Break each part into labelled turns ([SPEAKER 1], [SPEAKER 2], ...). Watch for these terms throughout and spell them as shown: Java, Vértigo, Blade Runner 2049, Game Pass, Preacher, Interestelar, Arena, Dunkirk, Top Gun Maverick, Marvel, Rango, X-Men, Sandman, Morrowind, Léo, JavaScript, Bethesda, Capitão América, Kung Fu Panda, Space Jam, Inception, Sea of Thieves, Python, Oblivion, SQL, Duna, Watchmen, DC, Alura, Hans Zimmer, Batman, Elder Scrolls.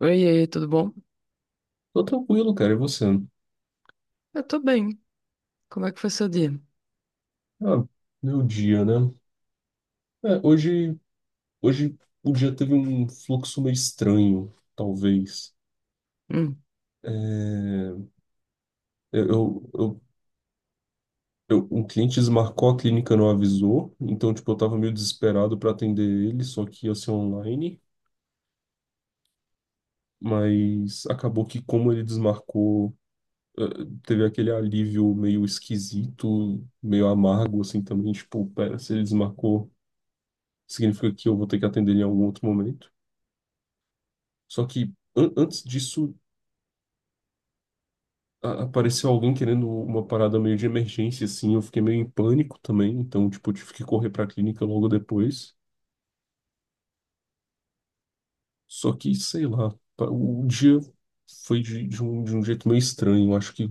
[SPEAKER 1] Oi, e aí, tudo bom?
[SPEAKER 2] Tô tranquilo, cara. E você?
[SPEAKER 1] Eu tô bem. Como é que foi seu dia?
[SPEAKER 2] Ah, meu dia, né? É, hoje, hoje o dia teve um fluxo meio estranho, talvez.
[SPEAKER 1] Hum,
[SPEAKER 2] É, eu, eu, um cliente desmarcou, a clínica não avisou, então, tipo, eu tava meio desesperado para atender ele, só que ia ser online. Mas acabou que, como ele desmarcou, eh, teve aquele alívio meio esquisito, meio amargo, assim, também. Tipo, pera, se ele desmarcou, significa que eu vou ter que atender ele em algum outro momento. Só que antes disso apareceu alguém querendo uma parada meio de emergência, assim. Eu fiquei meio em pânico também, então, tipo, eu tive que correr pra clínica logo depois. Só que, sei lá, o dia foi de um jeito meio estranho. Eu acho que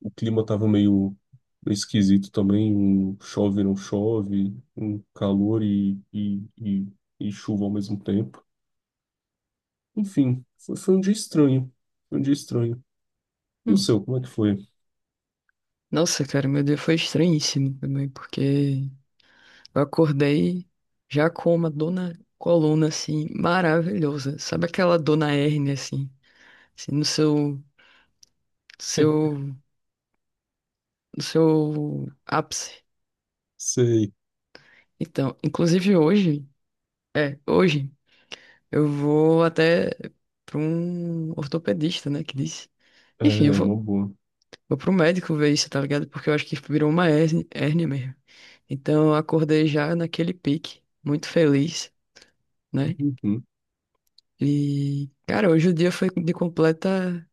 [SPEAKER 2] o clima tava meio esquisito também. Um chove, não chove, um calor e chuva ao mesmo tempo. Enfim, foi um dia estranho. Foi um dia estranho. E o
[SPEAKER 1] hum.
[SPEAKER 2] seu, como é que foi?
[SPEAKER 1] Nossa, cara, meu dia foi estranhíssimo também, porque eu acordei já com uma dona coluna, assim, maravilhosa. Sabe aquela dona hérnia, assim, no seu, no seu ápice?
[SPEAKER 2] Sei,
[SPEAKER 1] Então, inclusive hoje, eu vou até para um ortopedista, né, que disse.
[SPEAKER 2] é
[SPEAKER 1] Enfim, eu
[SPEAKER 2] é uma
[SPEAKER 1] vou
[SPEAKER 2] boa.
[SPEAKER 1] Vou pro médico ver isso, tá ligado? Porque eu acho que virou uma hérnia, hérnia mesmo. Então eu acordei já naquele pique, muito feliz, né?
[SPEAKER 2] Uhum.
[SPEAKER 1] E, cara, hoje o dia foi de completa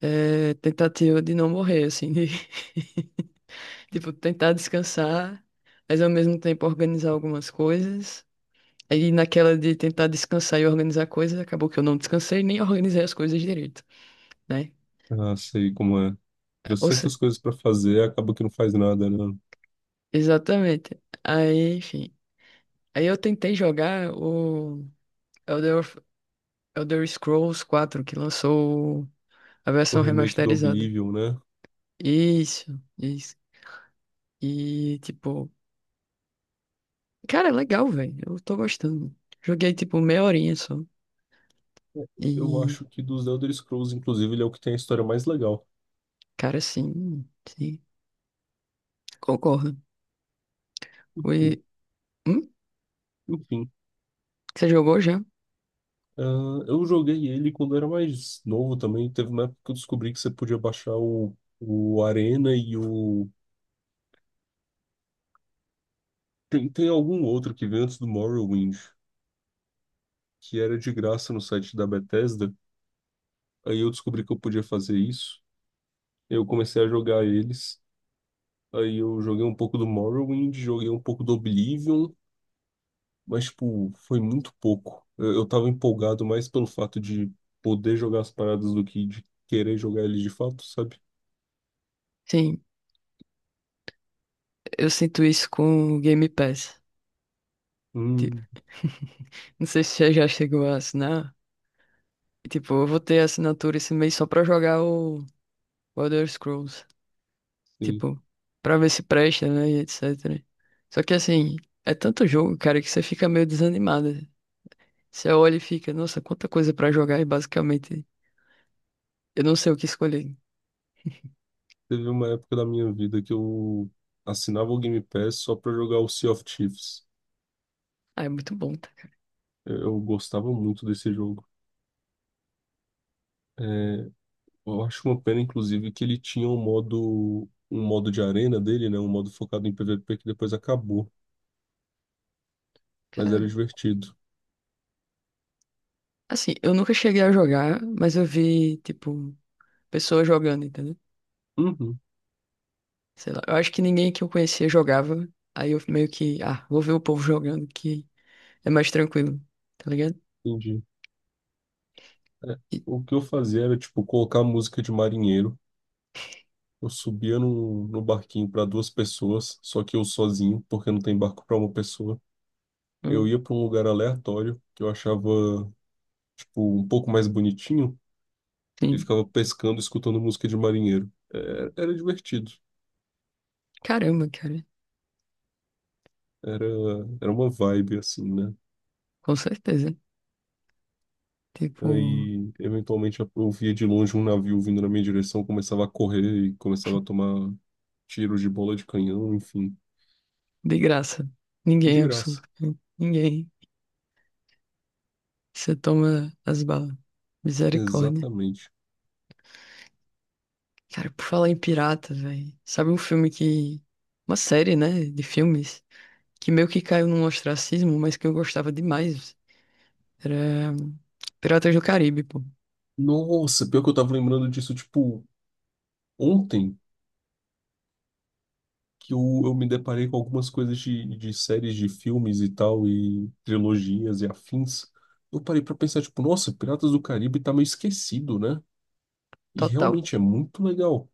[SPEAKER 1] tentativa de não morrer, assim, de tipo, tentar descansar, mas ao mesmo tempo organizar algumas coisas. Aí naquela de tentar descansar e organizar coisas, acabou que eu não descansei nem organizei as coisas direito, né?
[SPEAKER 2] Ah, sei como é.
[SPEAKER 1] Ou seja,
[SPEAKER 2] Trocentas coisas pra fazer, acaba que não faz nada, né?
[SPEAKER 1] exatamente. Aí, enfim. Aí eu tentei jogar o. Elder, of- Elder Scrolls 4 que lançou a
[SPEAKER 2] O
[SPEAKER 1] versão
[SPEAKER 2] remake do
[SPEAKER 1] remasterizada.
[SPEAKER 2] Oblivion, né?
[SPEAKER 1] Isso, isso. E, tipo, cara, é legal, velho. Eu tô gostando. Joguei, tipo, meia horinha só.
[SPEAKER 2] É, Eu
[SPEAKER 1] E,
[SPEAKER 2] acho que dos Elder Scrolls, inclusive, ele é o que tem a história mais legal.
[SPEAKER 1] cara, sim, sim. Concordo.
[SPEAKER 2] Enfim,
[SPEAKER 1] E, hum?
[SPEAKER 2] enfim.
[SPEAKER 1] Você jogou já?
[SPEAKER 2] Ah, eu joguei ele quando eu era mais novo também. Teve uma época que eu descobri que você podia baixar o Arena e o. Tem algum outro que veio antes do Morrowind, que era de graça no site da Bethesda. Aí eu descobri que eu podia fazer isso. Eu comecei a jogar eles. Aí eu joguei um pouco do Morrowind, joguei um pouco do Oblivion, mas, tipo, foi muito pouco. Eu tava empolgado mais pelo fato de poder jogar as paradas do que de querer jogar ele de fato, sabe?
[SPEAKER 1] Sim, eu sinto isso com o Game Pass. Tipo,
[SPEAKER 2] Hum,
[SPEAKER 1] não sei se você já chegou a assinar. E, tipo, eu vou ter assinatura esse mês só pra jogar o Elder Scrolls.
[SPEAKER 2] sim.
[SPEAKER 1] Tipo, pra ver se presta, né? E etc. Só que assim, é tanto jogo, cara, que você fica meio desanimado. Você olha e fica, nossa, quanta coisa pra jogar e basicamente eu não sei o que escolher.
[SPEAKER 2] Teve uma época da minha vida que eu assinava o Game Pass só pra jogar o Sea of Thieves.
[SPEAKER 1] Ah, é muito bom, tá?
[SPEAKER 2] Eu gostava muito desse jogo. É, eu acho uma pena, inclusive, que ele tinha um modo de arena dele, né? Um modo focado em PVP que depois acabou, mas era
[SPEAKER 1] Cara,
[SPEAKER 2] divertido.
[SPEAKER 1] assim, eu nunca cheguei a jogar, mas eu vi, tipo, pessoas jogando, entendeu?
[SPEAKER 2] Uhum.
[SPEAKER 1] Sei lá, eu acho que ninguém que eu conhecia jogava. Aí eu meio que, ah, vou ver o povo jogando que é mais tranquilo, tá ligado?
[SPEAKER 2] Entendi. É,
[SPEAKER 1] E,
[SPEAKER 2] O que eu fazia era, tipo, colocar música de marinheiro. Eu subia no barquinho para duas pessoas, só que eu sozinho, porque não tem barco para uma pessoa. Eu
[SPEAKER 1] hum,
[SPEAKER 2] ia para um lugar aleatório que eu achava, tipo, um pouco mais bonitinho e
[SPEAKER 1] sim.
[SPEAKER 2] ficava pescando, escutando música de marinheiro. Era divertido.
[SPEAKER 1] Caramba, cara,
[SPEAKER 2] Era, era uma vibe, assim, né?
[SPEAKER 1] com certeza. Tipo.
[SPEAKER 2] Aí, eventualmente, eu via de longe um navio vindo na minha direção, começava a correr e começava a tomar tiros de bola de canhão, enfim,
[SPEAKER 1] De graça.
[SPEAKER 2] de
[SPEAKER 1] Ninguém,
[SPEAKER 2] graça.
[SPEAKER 1] absolutamente ninguém. Você toma as balas. Misericórdia.
[SPEAKER 2] Exatamente.
[SPEAKER 1] Cara, por falar em pirata, velho. Sabe um filme que. Uma série, né? De filmes. Que meio que caiu num ostracismo, mas que eu gostava demais. Era. Piratas do Caribe, pô.
[SPEAKER 2] Nossa, pior que eu tava lembrando disso, tipo, ontem, que eu me deparei com algumas coisas de séries de filmes e tal, e trilogias e afins. Eu parei pra pensar, tipo, nossa, Piratas do Caribe tá meio esquecido, né? E
[SPEAKER 1] Total.
[SPEAKER 2] realmente é muito legal.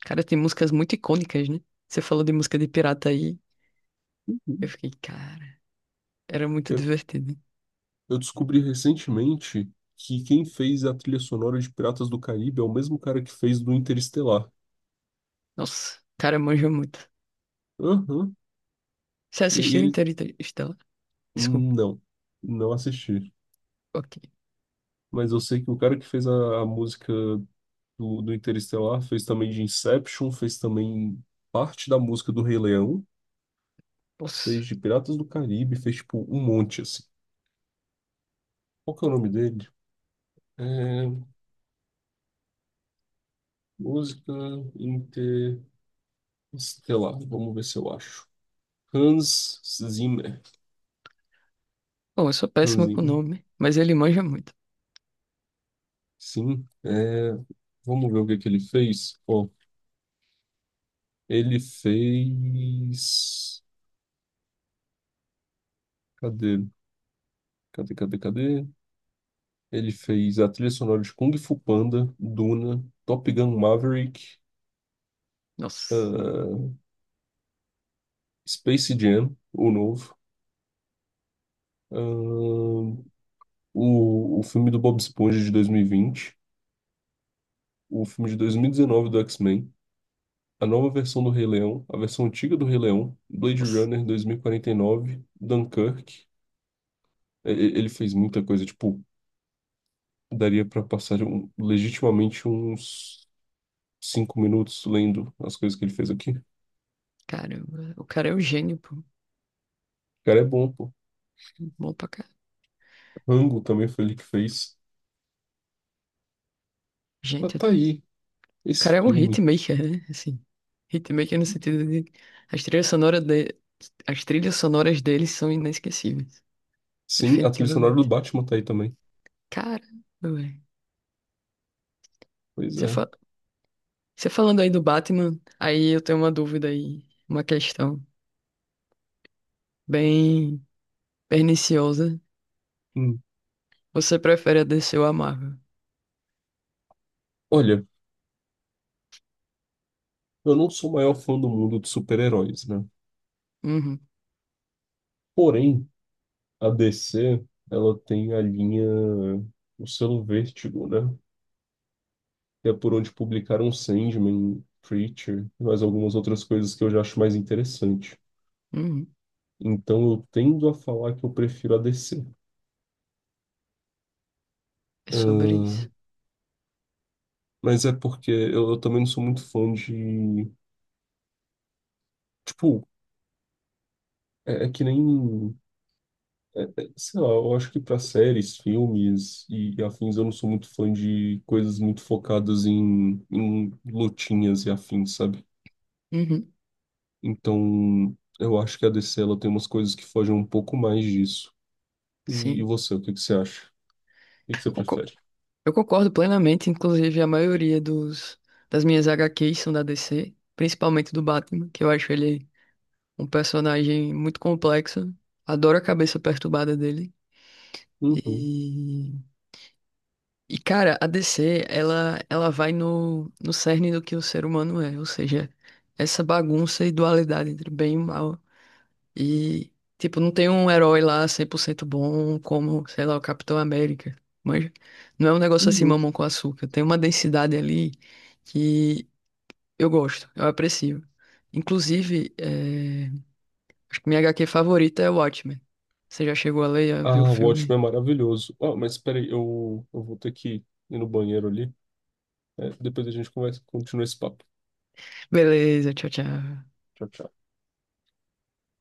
[SPEAKER 1] Cara, tem músicas muito icônicas, né? Você falou de música de pirata aí. Eu fiquei, cara. Era muito
[SPEAKER 2] Eu,
[SPEAKER 1] divertido.
[SPEAKER 2] eu descobri recentemente que quem fez a trilha sonora de Piratas do Caribe é o mesmo cara que fez do Interestelar.
[SPEAKER 1] Nossa. Cara, manja muito.
[SPEAKER 2] Aham.
[SPEAKER 1] Você
[SPEAKER 2] E
[SPEAKER 1] assistiu
[SPEAKER 2] ele.
[SPEAKER 1] Interestelar? Desculpa.
[SPEAKER 2] Não, não assisti.
[SPEAKER 1] Ok.
[SPEAKER 2] Mas eu sei que o cara que fez a música do Interestelar, fez também de Inception, fez também parte da música do Rei Leão, fez
[SPEAKER 1] Nossa.
[SPEAKER 2] de Piratas do Caribe, fez tipo um monte assim. Qual que é o nome dele? É, música Interestelar, vamos ver se eu acho. Hans Zimmer.
[SPEAKER 1] Bom, eu sou
[SPEAKER 2] Hans
[SPEAKER 1] péssimo com
[SPEAKER 2] Zimmer.
[SPEAKER 1] nome, mas ele manja muito.
[SPEAKER 2] Sim, é, vamos ver o que que ele fez. Ó, ele fez. Cadê? Cadê, cadê, cadê? Ele fez a trilha sonora de Kung Fu Panda, Duna, Top Gun Maverick,
[SPEAKER 1] Nossa,
[SPEAKER 2] ah, Space Jam, o novo, ah, o filme do Bob Esponja de 2020, o filme de 2019 do X-Men, a nova versão do Rei Leão, a versão antiga do Rei Leão, Blade
[SPEAKER 1] nossa,
[SPEAKER 2] Runner 2049, Dunkirk. Ele fez muita coisa, tipo, daria pra passar legitimamente uns 5 minutos lendo as coisas que ele fez aqui. O
[SPEAKER 1] caramba. O cara é um gênio, pô.
[SPEAKER 2] cara é bom, pô.
[SPEAKER 1] Bom pra cá.
[SPEAKER 2] Rango também foi ele que fez. Mas
[SPEAKER 1] Gente,
[SPEAKER 2] tá
[SPEAKER 1] o
[SPEAKER 2] aí,
[SPEAKER 1] cara
[SPEAKER 2] esse
[SPEAKER 1] é um
[SPEAKER 2] filme.
[SPEAKER 1] hitmaker, né? Assim, hitmaker no sentido de... As trilhas sonoras de... As trilhas sonoras dele são inesquecíveis.
[SPEAKER 2] Sim, a trilha sonora do
[SPEAKER 1] Definitivamente.
[SPEAKER 2] Batman tá aí também.
[SPEAKER 1] Cara, velho.
[SPEAKER 2] Pois
[SPEAKER 1] Você
[SPEAKER 2] é.
[SPEAKER 1] fa... Você falando aí do Batman, aí eu tenho uma dúvida aí. Uma questão bem perniciosa.
[SPEAKER 2] Hum.
[SPEAKER 1] Você prefere a DC ou a Marvel?
[SPEAKER 2] Olha, eu não sou o maior fã do mundo de super-heróis, né?
[SPEAKER 1] Uhum,
[SPEAKER 2] Porém, a DC, ela tem a linha, o selo Vértigo, né? Que é por onde publicaram Sandman, Preacher, e mais algumas outras coisas que eu já acho mais interessante.
[SPEAKER 1] uhum.
[SPEAKER 2] Então eu tendo a falar que eu prefiro a DC.
[SPEAKER 1] É sobre isso.
[SPEAKER 2] Ah, mas é porque eu também não sou muito fã de. Tipo, é que nem. Sei lá, eu acho que para séries, filmes e afins, eu não sou muito fã de coisas muito focadas em lutinhas e afins, sabe?
[SPEAKER 1] Uhum.
[SPEAKER 2] Então, eu acho que a DC ela tem umas coisas que fogem um pouco mais disso. E
[SPEAKER 1] Sim,
[SPEAKER 2] você, o que que você acha? O que que você
[SPEAKER 1] eu concor-
[SPEAKER 2] prefere?
[SPEAKER 1] eu concordo plenamente, inclusive a maioria dos, das minhas HQs são da DC, principalmente do Batman, que eu acho ele um personagem muito complexo, adoro a cabeça perturbada dele.
[SPEAKER 2] Uhum,
[SPEAKER 1] E, cara, a DC, ela vai no cerne do que o ser humano é, ou seja, essa bagunça e dualidade entre bem e mal. E, tipo, não tem um herói lá 100% bom como, sei lá, o Capitão América. Mas não é um negócio assim,
[SPEAKER 2] uhum.
[SPEAKER 1] mamão com açúcar. Tem uma densidade ali que eu gosto, eu aprecio. Inclusive, é, acho que minha HQ favorita é Watchmen. Você já chegou a ler, a ver o
[SPEAKER 2] Ah, o
[SPEAKER 1] filme?
[SPEAKER 2] Watchmen é maravilhoso. Ah, mas peraí, eu vou ter que ir no banheiro ali. Depois a gente conversa, continua esse papo.
[SPEAKER 1] Beleza, tchau, tchau.
[SPEAKER 2] Tchau, tchau.